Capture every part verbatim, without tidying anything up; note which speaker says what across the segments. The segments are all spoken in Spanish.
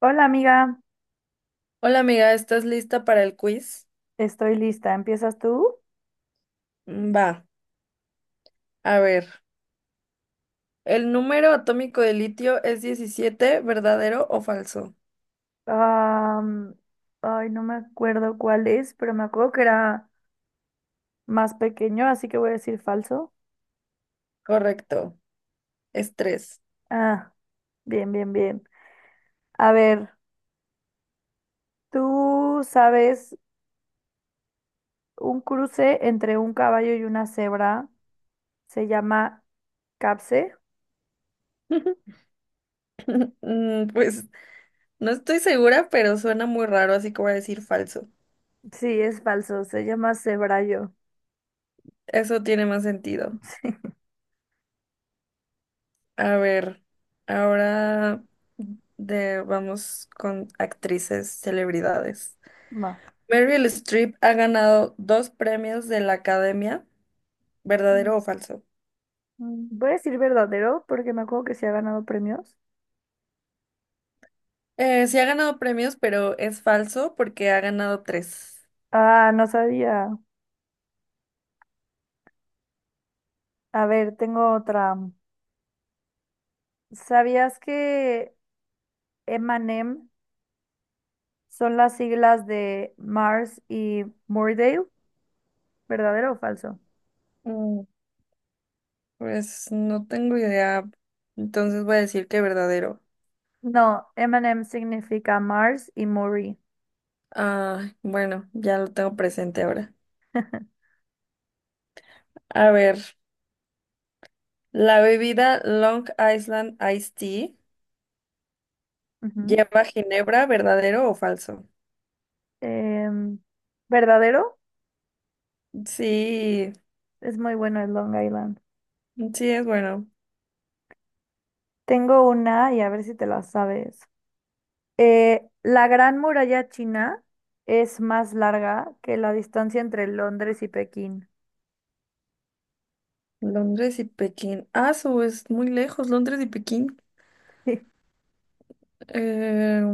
Speaker 1: Hola amiga,
Speaker 2: Hola amiga, ¿estás lista para el quiz?
Speaker 1: estoy lista. ¿Empiezas tú?
Speaker 2: Mm, Va, a ver. ¿El número atómico de litio es diecisiete, verdadero o falso?
Speaker 1: Am, ay, no me acuerdo cuál es, pero me acuerdo que era más pequeño, así que voy a decir falso.
Speaker 2: Correcto, es tres.
Speaker 1: Ah, bien, bien, bien. A ver, ¿tú sabes un cruce entre un caballo y una cebra se llama capse?
Speaker 2: Mm, Pues no estoy segura, pero suena muy raro, así que voy a decir falso.
Speaker 1: Sí, es falso, se llama cebrallo.
Speaker 2: Eso tiene más sentido.
Speaker 1: Sí,
Speaker 2: A ver, ahora de, vamos con actrices, celebridades.
Speaker 1: va.
Speaker 2: Meryl Streep ha ganado dos premios de la Academia,
Speaker 1: Mm,
Speaker 2: ¿verdadero o falso?
Speaker 1: Voy a decir verdadero porque me acuerdo que se ha ganado premios.
Speaker 2: Eh, sí ha ganado premios, pero es falso porque ha ganado tres.
Speaker 1: Ah, no sabía. A ver, tengo otra. ¿Sabías que M y M son las siglas de Mars y Moordale? ¿Verdadero o falso?
Speaker 2: Mm, Pues no tengo idea. Entonces voy a decir que verdadero.
Speaker 1: No, M y M significa Mars y Maury.
Speaker 2: Ah, bueno, ya lo tengo presente ahora. A ver, la bebida Long Island Iced Tea
Speaker 1: Ujú.
Speaker 2: lleva ginebra, ¿verdadero o falso?
Speaker 1: Em, ¿verdadero?
Speaker 2: Sí,
Speaker 1: Es muy bueno el Long Island.
Speaker 2: sí es bueno.
Speaker 1: Tengo una y a ver si te la sabes. Eh, la Gran Muralla China es más larga que la distancia entre Londres y Pekín.
Speaker 2: Londres y Pekín. Ah, su es muy lejos, Londres y Pekín. Eh,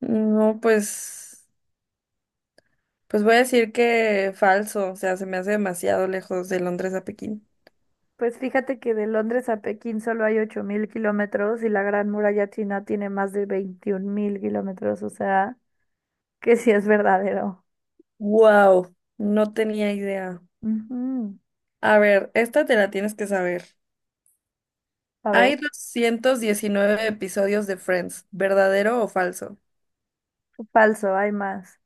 Speaker 2: no, pues. Pues voy a decir que falso, o sea, se me hace demasiado lejos de Londres a Pekín.
Speaker 1: Pues fíjate que de Londres a Pekín solo hay ocho mil kilómetros y la Gran Muralla China tiene más de veintiún mil kilómetros, o sea, que sí es verdadero.
Speaker 2: Wow, no tenía idea.
Speaker 1: Ujú.
Speaker 2: A ver, esta te la tienes que saber.
Speaker 1: A
Speaker 2: Hay
Speaker 1: ver,
Speaker 2: doscientos diecinueve episodios de Friends, ¿verdadero o falso?
Speaker 1: falso, hay más.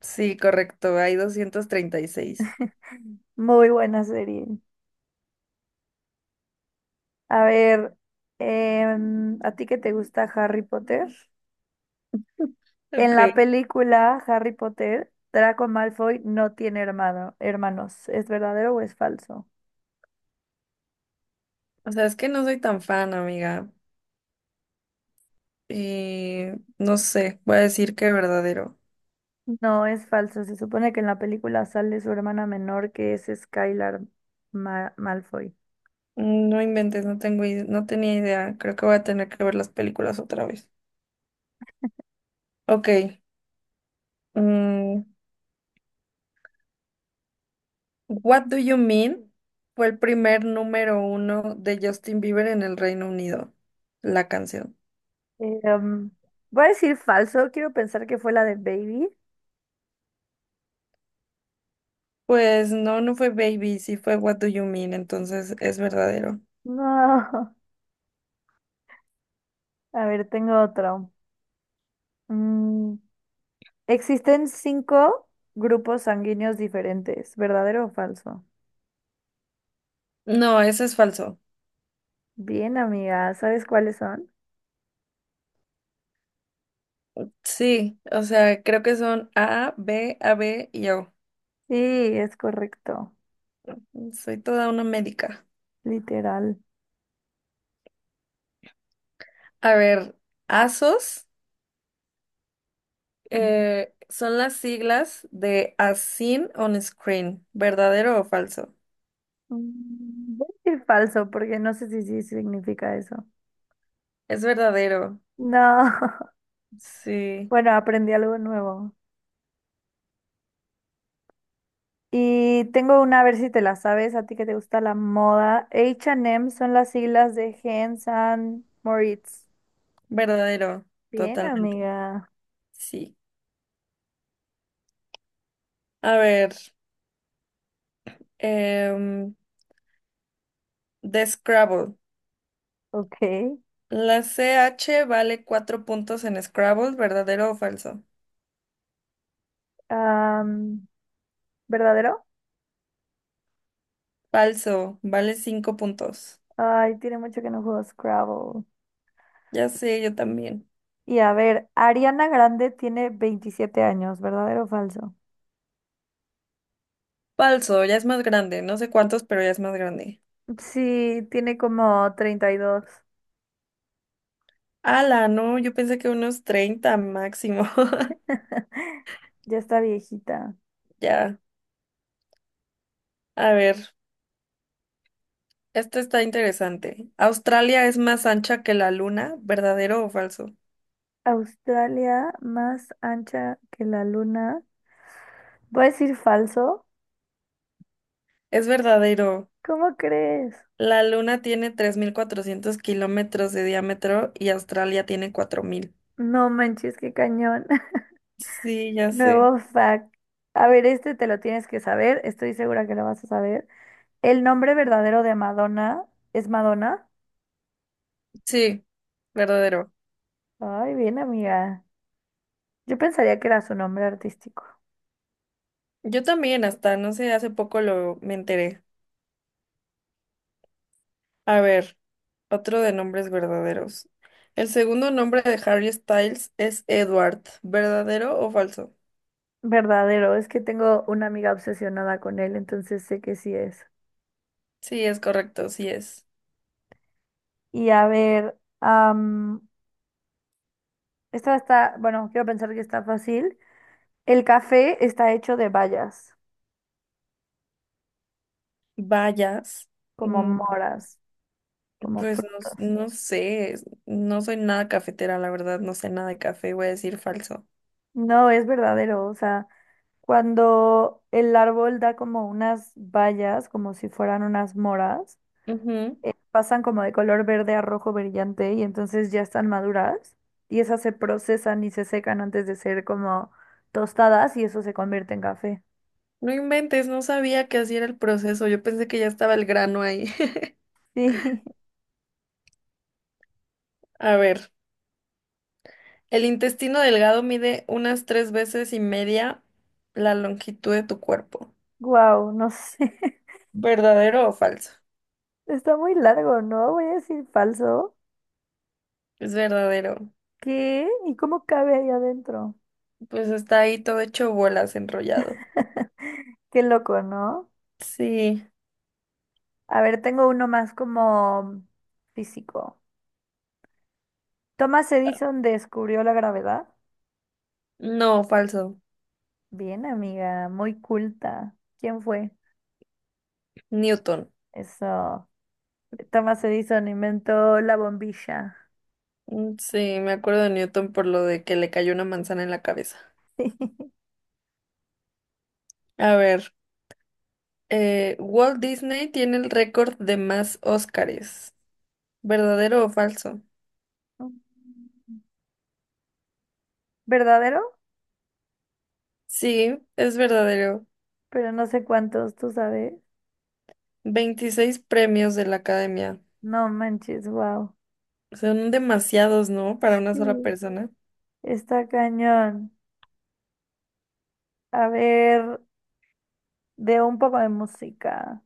Speaker 2: Sí, correcto, hay doscientos treinta y seis.
Speaker 1: Muy buena serie. A ver, em, ¿a ti qué te gusta Harry Potter? En la
Speaker 2: Ok.
Speaker 1: película Harry Potter, Draco Malfoy no tiene hermano, hermanos. ¿Es verdadero o es falso?
Speaker 2: O sea, es que no soy tan fan, amiga. Y no sé, voy a decir que verdadero.
Speaker 1: No, es falso. Se supone que en la película sale su hermana menor, que es Skylar Ma- Malfoy.
Speaker 2: Mm, No inventes, no tengo, ide- no tenía idea. Creo que voy a tener que ver las películas otra vez. Ok. mm, What Do You Mean fue el primer número uno de Justin Bieber en el Reino Unido, la canción.
Speaker 1: Eh, um, voy a decir falso. Quiero pensar que fue la de Baby.
Speaker 2: Pues no, no fue Baby, sí fue What Do You Mean, entonces es verdadero.
Speaker 1: No. A ver, tengo otro. Mm, existen cinco grupos sanguíneos diferentes. ¿Verdadero o falso?
Speaker 2: No, eso es falso.
Speaker 1: Bien, amiga. ¿Sabes cuáles son?
Speaker 2: Sí, o sea, creo que son A, B, A, B y O.
Speaker 1: Sí, es correcto.
Speaker 2: Soy toda una médica.
Speaker 1: Literal.
Speaker 2: A ver, ASOS
Speaker 1: Mm,
Speaker 2: eh, son las siglas de As Seen on Screen, ¿verdadero o falso?
Speaker 1: Mm, Voy a decir falso porque no sé si sí significa eso.
Speaker 2: Es verdadero,
Speaker 1: No.
Speaker 2: sí.
Speaker 1: Bueno, aprendí algo nuevo. Y tengo una, a ver si te la sabes, a ti que te gusta la moda. H y M son las siglas de Hans and Moritz.
Speaker 2: Verdadero,
Speaker 1: Bien,
Speaker 2: totalmente.
Speaker 1: amiga.
Speaker 2: Sí. A ver, em, de Scrabble.
Speaker 1: Ok.
Speaker 2: La C H vale cuatro puntos en Scrabble, ¿verdadero o falso?
Speaker 1: Am, ¿verdadero?
Speaker 2: Falso, vale cinco puntos.
Speaker 1: Ay, tiene mucho que no juego Scrabble.
Speaker 2: Ya sé, yo también.
Speaker 1: Y a ver, Ariana Grande tiene veintisiete años, ¿verdadero o falso?
Speaker 2: Falso, ya es más grande, no sé cuántos, pero ya es más grande.
Speaker 1: Sí, tiene como treinta y dos.
Speaker 2: Ala, no, yo pensé que unos treinta máximo.
Speaker 1: Ya está viejita.
Speaker 2: Ya, a ver, esto está interesante. ¿Australia es más ancha que la luna? ¿Verdadero o falso?
Speaker 1: Australia más ancha que la luna. Voy a decir falso.
Speaker 2: Es verdadero.
Speaker 1: ¿Cómo crees?
Speaker 2: La Luna tiene tres mil cuatrocientos kilómetros de diámetro y Australia tiene cuatro mil.
Speaker 1: No manches, qué cañón.
Speaker 2: Sí, ya sé.
Speaker 1: Nuevo fact. A ver, este te lo tienes que saber. Estoy segura que lo vas a saber. El nombre verdadero de Madonna es Madonna.
Speaker 2: Sí, verdadero.
Speaker 1: Ay, bien, amiga. Yo pensaría que era su nombre artístico.
Speaker 2: Yo también, hasta no sé, hace poco lo me enteré. A ver, otro de nombres verdaderos. El segundo nombre de Harry Styles es Edward. ¿Verdadero o falso?
Speaker 1: Verdadero, es que tengo una amiga obsesionada con él, entonces sé que sí es.
Speaker 2: Sí, es correcto, sí es.
Speaker 1: Y a ver, am, esta está, bueno, quiero pensar que está fácil. El café está hecho de bayas,
Speaker 2: Vayas.
Speaker 1: como
Speaker 2: Mm,
Speaker 1: moras, como
Speaker 2: Pues no, s-
Speaker 1: frutas.
Speaker 2: no sé, no soy nada cafetera, la verdad, no sé nada de café, voy a decir falso.
Speaker 1: No es verdadero, o sea, cuando el árbol da como unas bayas, como si fueran unas moras,
Speaker 2: Ujú.
Speaker 1: eh, pasan como de color verde a rojo brillante y entonces ya están maduras y esas se procesan y se secan antes de ser como tostadas y eso se convierte en café.
Speaker 2: No inventes, no sabía que así era el proceso. Yo pensé que ya estaba el grano ahí.
Speaker 1: Sí,
Speaker 2: A ver, el intestino delgado mide unas tres veces y media la longitud de tu cuerpo.
Speaker 1: wow, no sé.
Speaker 2: ¿Verdadero o falso?
Speaker 1: Está muy largo, ¿no? Voy a decir falso.
Speaker 2: Es verdadero.
Speaker 1: ¿Qué? ¿Y cómo cabe ahí adentro?
Speaker 2: Pues está ahí todo hecho bolas, enrollado.
Speaker 1: Qué loco, ¿no?
Speaker 2: Sí,
Speaker 1: A ver, tengo uno más como físico. Thomas Edison descubrió la gravedad.
Speaker 2: no, falso.
Speaker 1: Bien, amiga, muy culta. ¿Quién fue?
Speaker 2: Newton.
Speaker 1: Eso. Thomas Edison inventó la bombilla.
Speaker 2: Mm, sí, me acuerdo de Newton por lo de que le cayó una manzana en la cabeza. A ver, eh, Walt Disney tiene el récord de más Óscares. ¿Verdadero o falso?
Speaker 1: ¿Verdadero?
Speaker 2: Sí, es verdadero.
Speaker 1: Pero no sé cuántos, tú sabes.
Speaker 2: Veintiséis premios de la academia.
Speaker 1: No manches, wow.
Speaker 2: Son demasiados, ¿no? Para una sola
Speaker 1: Sí,
Speaker 2: persona.
Speaker 1: está cañón. A ver, de un poco de música.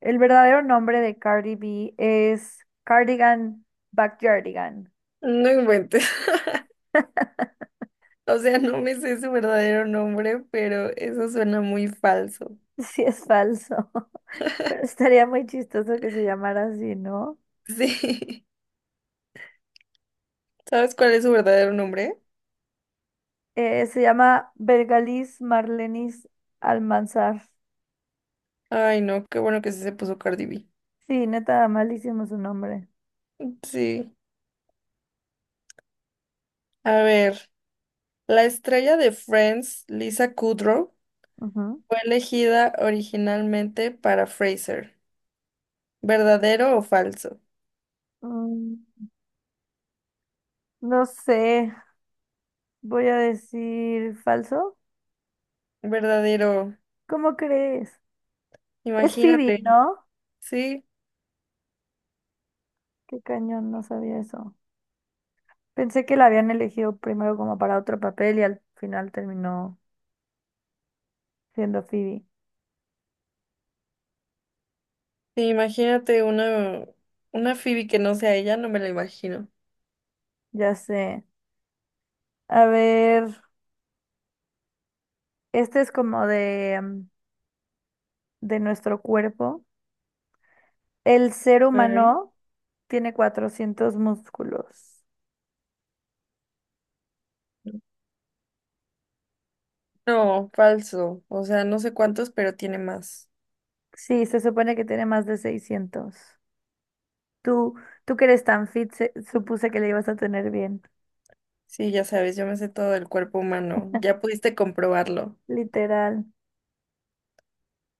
Speaker 1: El verdadero nombre de Cardi B es Cardigan Backyardigan.
Speaker 2: No inventes. O sea, no me sé su verdadero nombre, pero eso suena muy falso.
Speaker 1: Sí, es falso, pero estaría muy chistoso que se llamara así, ¿no?
Speaker 2: Sí. ¿Sabes cuál es su verdadero nombre?
Speaker 1: Eh, se llama Bergalis Marlenis Almanzar.
Speaker 2: Ay, no, qué bueno que sí se puso Cardi B.
Speaker 1: Sí, neta, malísimo su nombre.
Speaker 2: Sí. A ver, la estrella de Friends, Lisa Kudrow,
Speaker 1: Ujú.
Speaker 2: fue elegida originalmente para Fraser. ¿Verdadero o falso?
Speaker 1: Mm, no sé, voy a decir falso.
Speaker 2: Verdadero.
Speaker 1: ¿Cómo crees? Es Phoebe,
Speaker 2: Imagínate,
Speaker 1: ¿no?
Speaker 2: sí,
Speaker 1: Qué cañón, no sabía eso. Pensé que la habían elegido primero como para otro papel y al final terminó siendo Phoebe.
Speaker 2: sí, imagínate una, una Phoebe que no sea ella, no me la imagino.
Speaker 1: Ya sé. A ver, este es como de, mm, de nuestro cuerpo. El ser
Speaker 2: Ok.
Speaker 1: humano tiene cuatrocientos músculos.
Speaker 2: No, falso. O sea, no sé cuántos, pero tiene más.
Speaker 1: Sí, se supone que tiene más de seiscientos. Tú, tú que eres tan fit, se- supuse que le ibas a tener bien.
Speaker 2: Sí, ya sabes, yo me sé todo del cuerpo humano. Ya pudiste comprobarlo.
Speaker 1: Literal.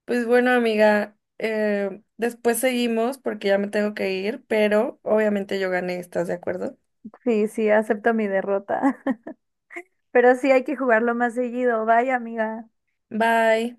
Speaker 2: Pues bueno, amiga, eh, después seguimos porque ya me tengo que ir, pero obviamente yo gané, ¿estás de acuerdo?
Speaker 1: Sí, sí, acepto mi derrota. Pero sí hay que jugarlo más seguido. Vaya, amiga.
Speaker 2: Bye.